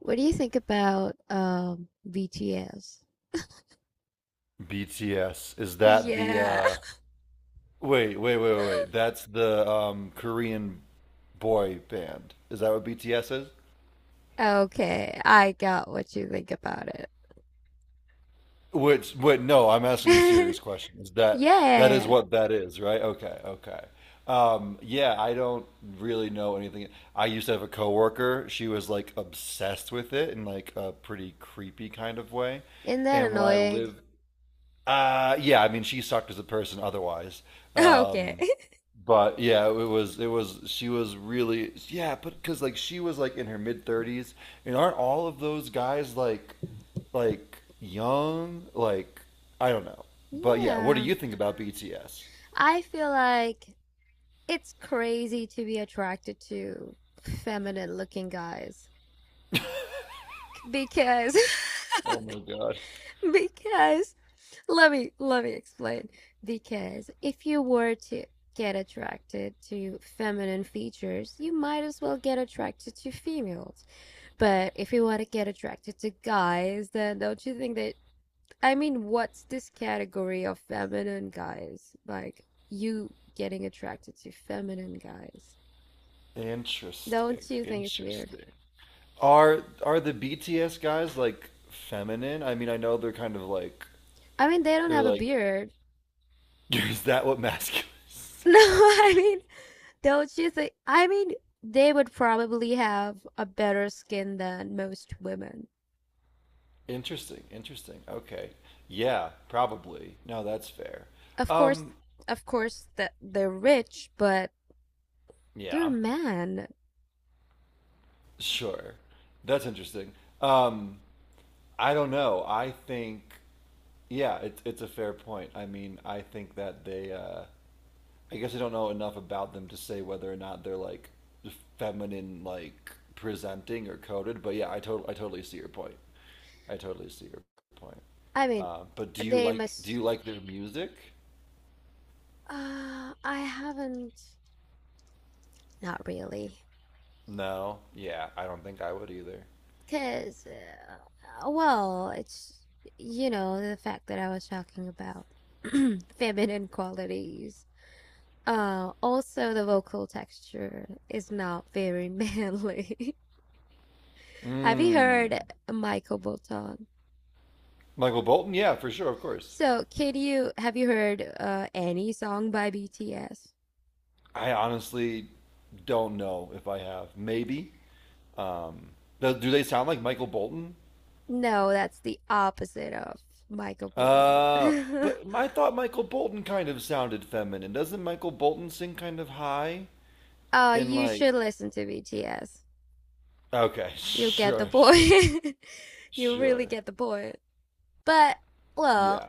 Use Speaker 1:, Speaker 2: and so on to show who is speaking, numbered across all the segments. Speaker 1: What do you think about BTS?
Speaker 2: BTS. Is that the
Speaker 1: Yeah.
Speaker 2: wait, wait, wait, wait, wait. That's the Korean boy band. Is that what BTS is?
Speaker 1: Okay, I got what you think about
Speaker 2: Which Wait, no, I'm asking a
Speaker 1: it.
Speaker 2: serious question. Is that that is
Speaker 1: Yeah,
Speaker 2: what that is, right? Okay, okay. Yeah, I don't really know anything. I used to have a coworker. She was like obsessed with it in like a pretty creepy kind of way.
Speaker 1: isn't that
Speaker 2: And when I
Speaker 1: annoying?
Speaker 2: lived yeah, I mean she sucked as a person otherwise.
Speaker 1: Okay.
Speaker 2: Um But yeah, it was she was really, yeah, but because like she was like in her mid thirties, and aren't all of those guys like young? Like I don't know, but yeah, what do
Speaker 1: Yeah,
Speaker 2: you think about BTS?
Speaker 1: I feel like it's crazy to be attracted to feminine looking guys because
Speaker 2: Oh my God,
Speaker 1: because Let me explain. Because if you were to get attracted to feminine features, you might as well get attracted to females. But if you want to get attracted to guys, then don't you think that, I mean, what's this category of feminine guys? Like you getting attracted to feminine guys.
Speaker 2: interesting,
Speaker 1: Don't you think it's weird?
Speaker 2: interesting. Are the BTS guys like feminine? I mean, I know they're kind of like
Speaker 1: I mean, they don't
Speaker 2: they're
Speaker 1: have a
Speaker 2: like
Speaker 1: beard.
Speaker 2: is that what masculine is?
Speaker 1: No, I mean, don't you think? I mean, they would probably have a better skin than most women.
Speaker 2: Interesting, interesting. Okay. Yeah, probably. No, that's fair.
Speaker 1: Of course,
Speaker 2: Um,
Speaker 1: of course that they're rich, but they're
Speaker 2: yeah,
Speaker 1: men.
Speaker 2: sure. That's interesting. Um, I don't know. I think yeah, it's a fair point. I mean, I think that they I guess I don't know enough about them to say whether or not they're like feminine like presenting or coded, but yeah, I totally see your point. I totally see your point.
Speaker 1: I mean,
Speaker 2: But do you
Speaker 1: they
Speaker 2: like do you
Speaker 1: must.
Speaker 2: like their music?
Speaker 1: I haven't. Not really,
Speaker 2: No. Yeah, I don't think I would either.
Speaker 1: cause well, it's the fact that I was talking about feminine qualities. Also the vocal texture is not very manly. Have you
Speaker 2: Mm.
Speaker 1: heard Michael Bolton?
Speaker 2: Michael Bolton, yeah, for sure, of course.
Speaker 1: So, can you have you heard any song by BTS?
Speaker 2: I honestly don't know if I have. Maybe. Um, do they sound like Michael Bolton?
Speaker 1: No, that's the opposite of Michael Bolton.
Speaker 2: But I thought Michael Bolton kind of sounded feminine. Doesn't Michael Bolton sing kind of high
Speaker 1: uh,
Speaker 2: and
Speaker 1: you
Speaker 2: like?
Speaker 1: should listen to BTS.
Speaker 2: Okay,
Speaker 1: You'll get the
Speaker 2: sure, sure,
Speaker 1: point. You really
Speaker 2: sure.
Speaker 1: get the point. But, well,
Speaker 2: Yeah.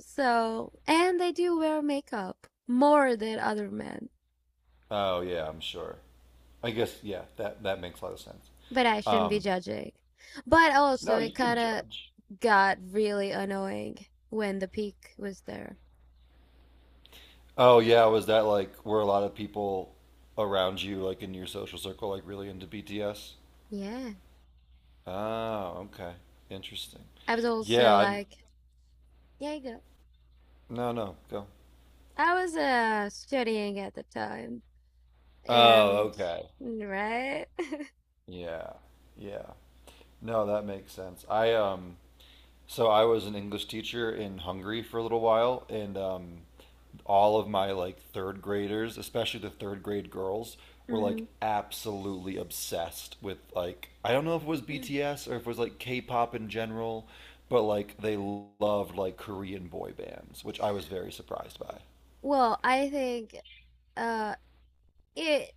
Speaker 1: so, and they do wear makeup more than other men.
Speaker 2: Oh yeah, I'm sure. I guess yeah. That that makes a lot of sense.
Speaker 1: But I shouldn't be
Speaker 2: Um,
Speaker 1: judging. But
Speaker 2: no,
Speaker 1: also,
Speaker 2: you
Speaker 1: it
Speaker 2: can
Speaker 1: kind of
Speaker 2: judge.
Speaker 1: got really annoying when the peak was there.
Speaker 2: Oh yeah, was that like were a lot of people around you, like in your social circle, like really into BTS?
Speaker 1: Yeah,
Speaker 2: Oh, okay. Interesting.
Speaker 1: I was also
Speaker 2: Yeah, I'm
Speaker 1: like, yeah, you go.
Speaker 2: No, no, go.
Speaker 1: I was studying at the time,
Speaker 2: Oh,
Speaker 1: and
Speaker 2: okay.
Speaker 1: right.
Speaker 2: Yeah. Yeah. No, that makes sense. I so I was an English teacher in Hungary for a little while, and all of my like third graders, especially the third grade girls, were like
Speaker 1: Hmm.
Speaker 2: absolutely obsessed with, like, I don't know if it was BTS or if it was like K-pop in general, but like they loved like Korean boy bands, which I was very surprised by.
Speaker 1: Well, uh it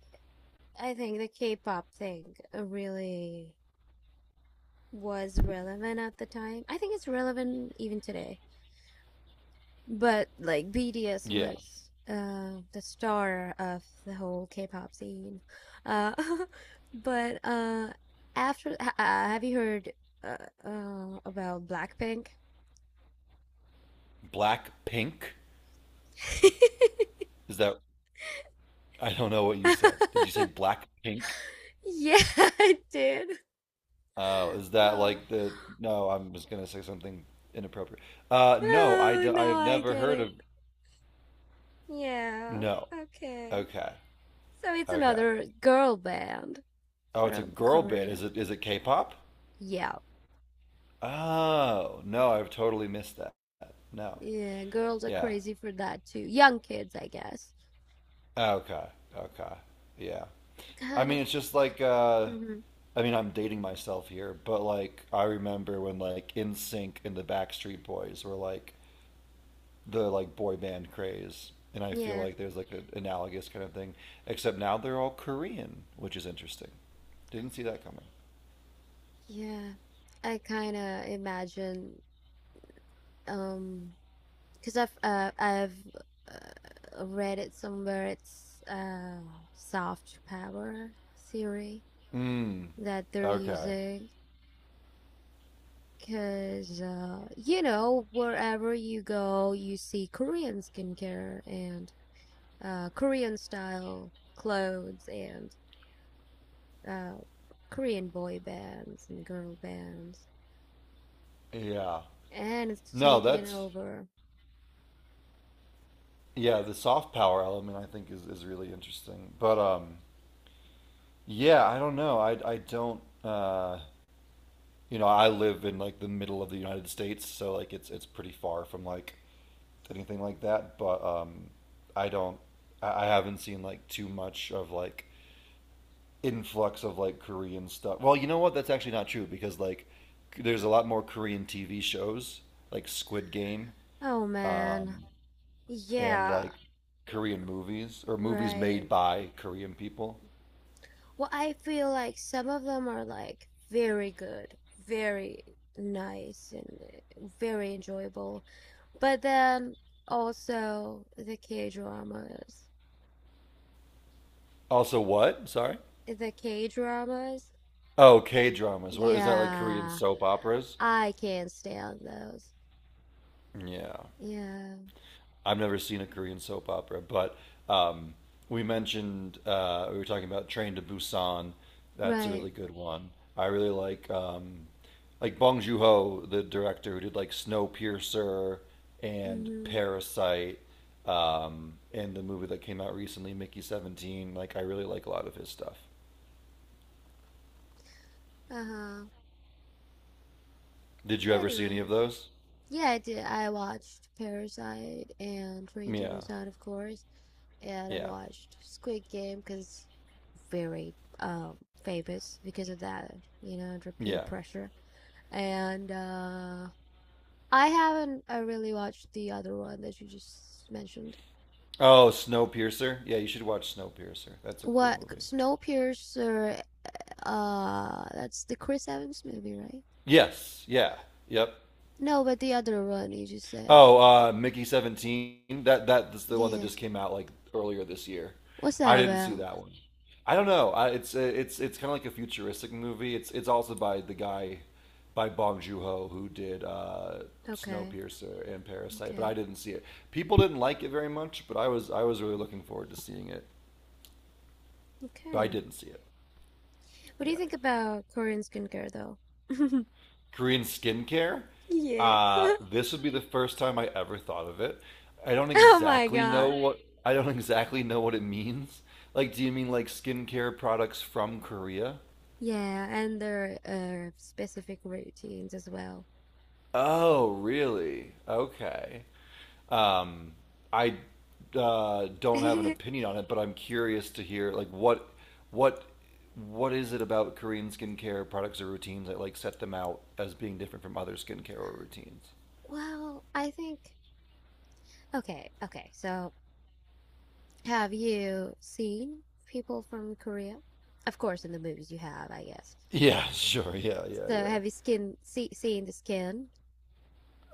Speaker 1: I think the K-pop thing really was relevant at the time. I think it's relevant even today. But like BTS
Speaker 2: Yeah.
Speaker 1: was the star of the whole K-pop scene. Uh but after ha have you heard uh, about Blackpink?
Speaker 2: Black Pink? Is that I don't know what you said. Did you say Black Pink?
Speaker 1: Yeah, I did.
Speaker 2: Oh, is that
Speaker 1: Oh.
Speaker 2: like the no, I'm just gonna say something inappropriate. No,
Speaker 1: Oh, now
Speaker 2: I've
Speaker 1: I
Speaker 2: never
Speaker 1: get
Speaker 2: heard of,
Speaker 1: it. Yeah.
Speaker 2: no.
Speaker 1: Okay.
Speaker 2: Okay.
Speaker 1: So it's
Speaker 2: Okay.
Speaker 1: another girl band
Speaker 2: Oh, it's a
Speaker 1: from
Speaker 2: girl band.
Speaker 1: Korea.
Speaker 2: Is it K-pop?
Speaker 1: Yeah.
Speaker 2: Oh, no, I've totally missed that. No.
Speaker 1: Yeah, girls are
Speaker 2: Yeah.
Speaker 1: crazy for that too. Young kids, I guess.
Speaker 2: Okay. Okay. Yeah. I
Speaker 1: Kind
Speaker 2: mean,
Speaker 1: of.
Speaker 2: it's just like
Speaker 1: Hmm.
Speaker 2: I mean, I'm dating myself here, but like I remember when like NSYNC and the Backstreet Boys were like the like boy band craze, and I feel
Speaker 1: Yeah,
Speaker 2: like there's like an analogous kind of thing, except now they're all Korean, which is interesting. Didn't see that coming.
Speaker 1: yeah. I kind of imagine, um, because I've read it somewhere. It's soft power theory
Speaker 2: Mm,
Speaker 1: that they're
Speaker 2: okay.
Speaker 1: using. Because wherever you go, you see Korean skincare and Korean style clothes and uh, Korean boy bands and girl bands,
Speaker 2: Yeah.
Speaker 1: and it's
Speaker 2: No,
Speaker 1: taking
Speaker 2: that's
Speaker 1: over.
Speaker 2: yeah, the soft power element I think is really interesting. But yeah, I don't know. I don't, you know, I live in like the middle of the United States, so like it's pretty far from like anything like that, but I don't I haven't seen like too much of like influx of like Korean stuff. Well, you know what? That's actually not true because like there's a lot more Korean TV shows like Squid Game,
Speaker 1: Oh man,
Speaker 2: um and
Speaker 1: yeah,
Speaker 2: like Korean movies or movies
Speaker 1: right.
Speaker 2: made by Korean people.
Speaker 1: Well, I feel like some of them are like very good, very nice, and very enjoyable, but then also the K dramas.
Speaker 2: Also, what? Sorry.
Speaker 1: The K dramas,
Speaker 2: Oh, K dramas. What is that like? Korean
Speaker 1: yeah,
Speaker 2: soap operas?
Speaker 1: I can't stand those.
Speaker 2: Yeah,
Speaker 1: Yeah,
Speaker 2: I've never seen a Korean soap opera, but um, we were talking about Train to Busan. That's a
Speaker 1: right.
Speaker 2: really good one. I really like Bong Joon Ho, the director who did like Snowpiercer and
Speaker 1: Mm-hmm.
Speaker 2: Parasite, and the movie that came out recently, Mickey 17. Like, I really like a lot of his stuff.
Speaker 1: Uh-huh.
Speaker 2: Did you ever see any of
Speaker 1: Anyways.
Speaker 2: those?
Speaker 1: Yeah, I did. I watched Parasite and 22
Speaker 2: Yeah,
Speaker 1: Percent, of course, and I
Speaker 2: yeah,
Speaker 1: watched Squid Game because very famous because of that, under peer
Speaker 2: yeah.
Speaker 1: pressure. And I haven't, I really watched the other one that you just mentioned.
Speaker 2: Oh, Snowpiercer. Yeah, you should watch Snowpiercer. That's a cool
Speaker 1: What,
Speaker 2: movie.
Speaker 1: Snowpiercer? That's the Chris Evans movie, right?
Speaker 2: Yes. Yeah. Yep.
Speaker 1: No, but the other one you just said.
Speaker 2: Oh, Mickey 17. That's the
Speaker 1: Yeah,
Speaker 2: one that
Speaker 1: yeah.
Speaker 2: just came out like earlier this year.
Speaker 1: What's
Speaker 2: I
Speaker 1: that
Speaker 2: didn't see
Speaker 1: about?
Speaker 2: that one. I don't know. I, it's kind of like a futuristic movie. It's also by the guy, by Bong Joon Ho, who did
Speaker 1: Okay,
Speaker 2: Snowpiercer and Parasite, but I
Speaker 1: okay,
Speaker 2: didn't see it. People didn't like it very much, but I was really looking forward to seeing it, but I
Speaker 1: okay.
Speaker 2: didn't see it.
Speaker 1: What do
Speaker 2: Yeah.
Speaker 1: you think about Korean skincare though?
Speaker 2: Korean skincare.
Speaker 1: Yeah.
Speaker 2: This would be the first time I ever thought of it. I don't
Speaker 1: Oh my
Speaker 2: exactly know
Speaker 1: God.
Speaker 2: what I don't exactly know what it means. Like, do you mean like skincare products from Korea?
Speaker 1: Yeah, and their specific routines as well.
Speaker 2: Oh, really? Okay. Um, I don't have an opinion on it, but I'm curious to hear like what what is it about Korean skincare products or routines that like set them out as being different from other skincare or routines?
Speaker 1: Well, I think, okay, okay. So, have you seen people from Korea? Of course, in the movies you have, I guess.
Speaker 2: Yeah, sure. Yeah, yeah,
Speaker 1: So,
Speaker 2: yeah.
Speaker 1: have you seen the skin?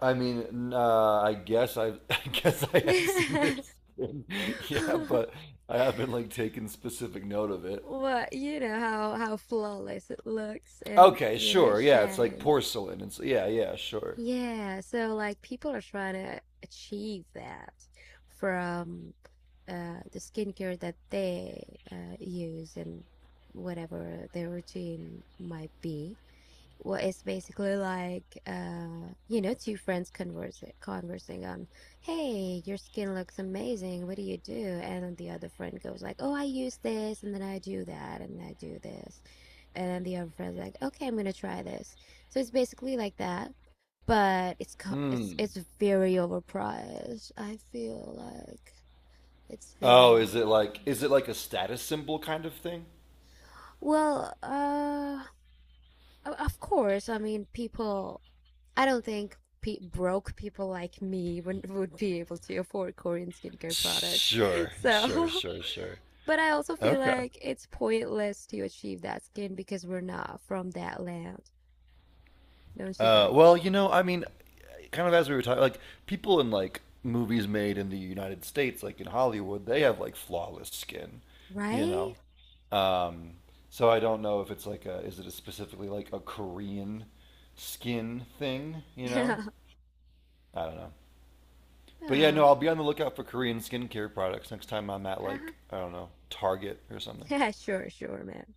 Speaker 2: I mean, I guess I I guess I have seen their skin, yeah, but I haven't like taken specific note of it.
Speaker 1: What? You know how flawless it looks, and
Speaker 2: Okay,
Speaker 1: you know it
Speaker 2: sure. Yeah, it's like
Speaker 1: shines.
Speaker 2: porcelain. It's yeah, yeah, sure.
Speaker 1: Yeah, so like people are trying to achieve that from the skincare that they use and whatever their routine might be. Well, it's basically like two friends conversing on, "Hey, your skin looks amazing. What do you do?" And then the other friend goes like, "Oh, I use this, and then I do that, and I do this." And then the other friend's like, "Okay, I'm gonna try this." So it's basically like that, but it's it's
Speaker 2: Mm.
Speaker 1: it's very overpriced. I feel like it's very
Speaker 2: Oh, is it like
Speaker 1: overpriced.
Speaker 2: is it like a status symbol kind of thing?
Speaker 1: Well, of course. I mean, people. I don't think broke people like me would be able to afford Korean skincare products.
Speaker 2: Sure, sure,
Speaker 1: So,
Speaker 2: sure, sure.
Speaker 1: but I also feel
Speaker 2: Okay.
Speaker 1: like it's pointless to achieve that skin because we're not from that land, don't you think?
Speaker 2: Well, you know, I mean, kind of as we were talking, like people in like movies made in the United States, like in Hollywood, they have like flawless skin, you know.
Speaker 1: Right?
Speaker 2: Um, so I don't know if it's like a is it a specifically like a Korean skin thing, you know?
Speaker 1: Yeah.
Speaker 2: I don't know. But yeah, no,
Speaker 1: Oh.
Speaker 2: I'll be on the lookout for Korean skincare products next time I'm at,
Speaker 1: Uh-huh.
Speaker 2: like, I don't know, Target or something.
Speaker 1: Yeah. Sure. Sure, man.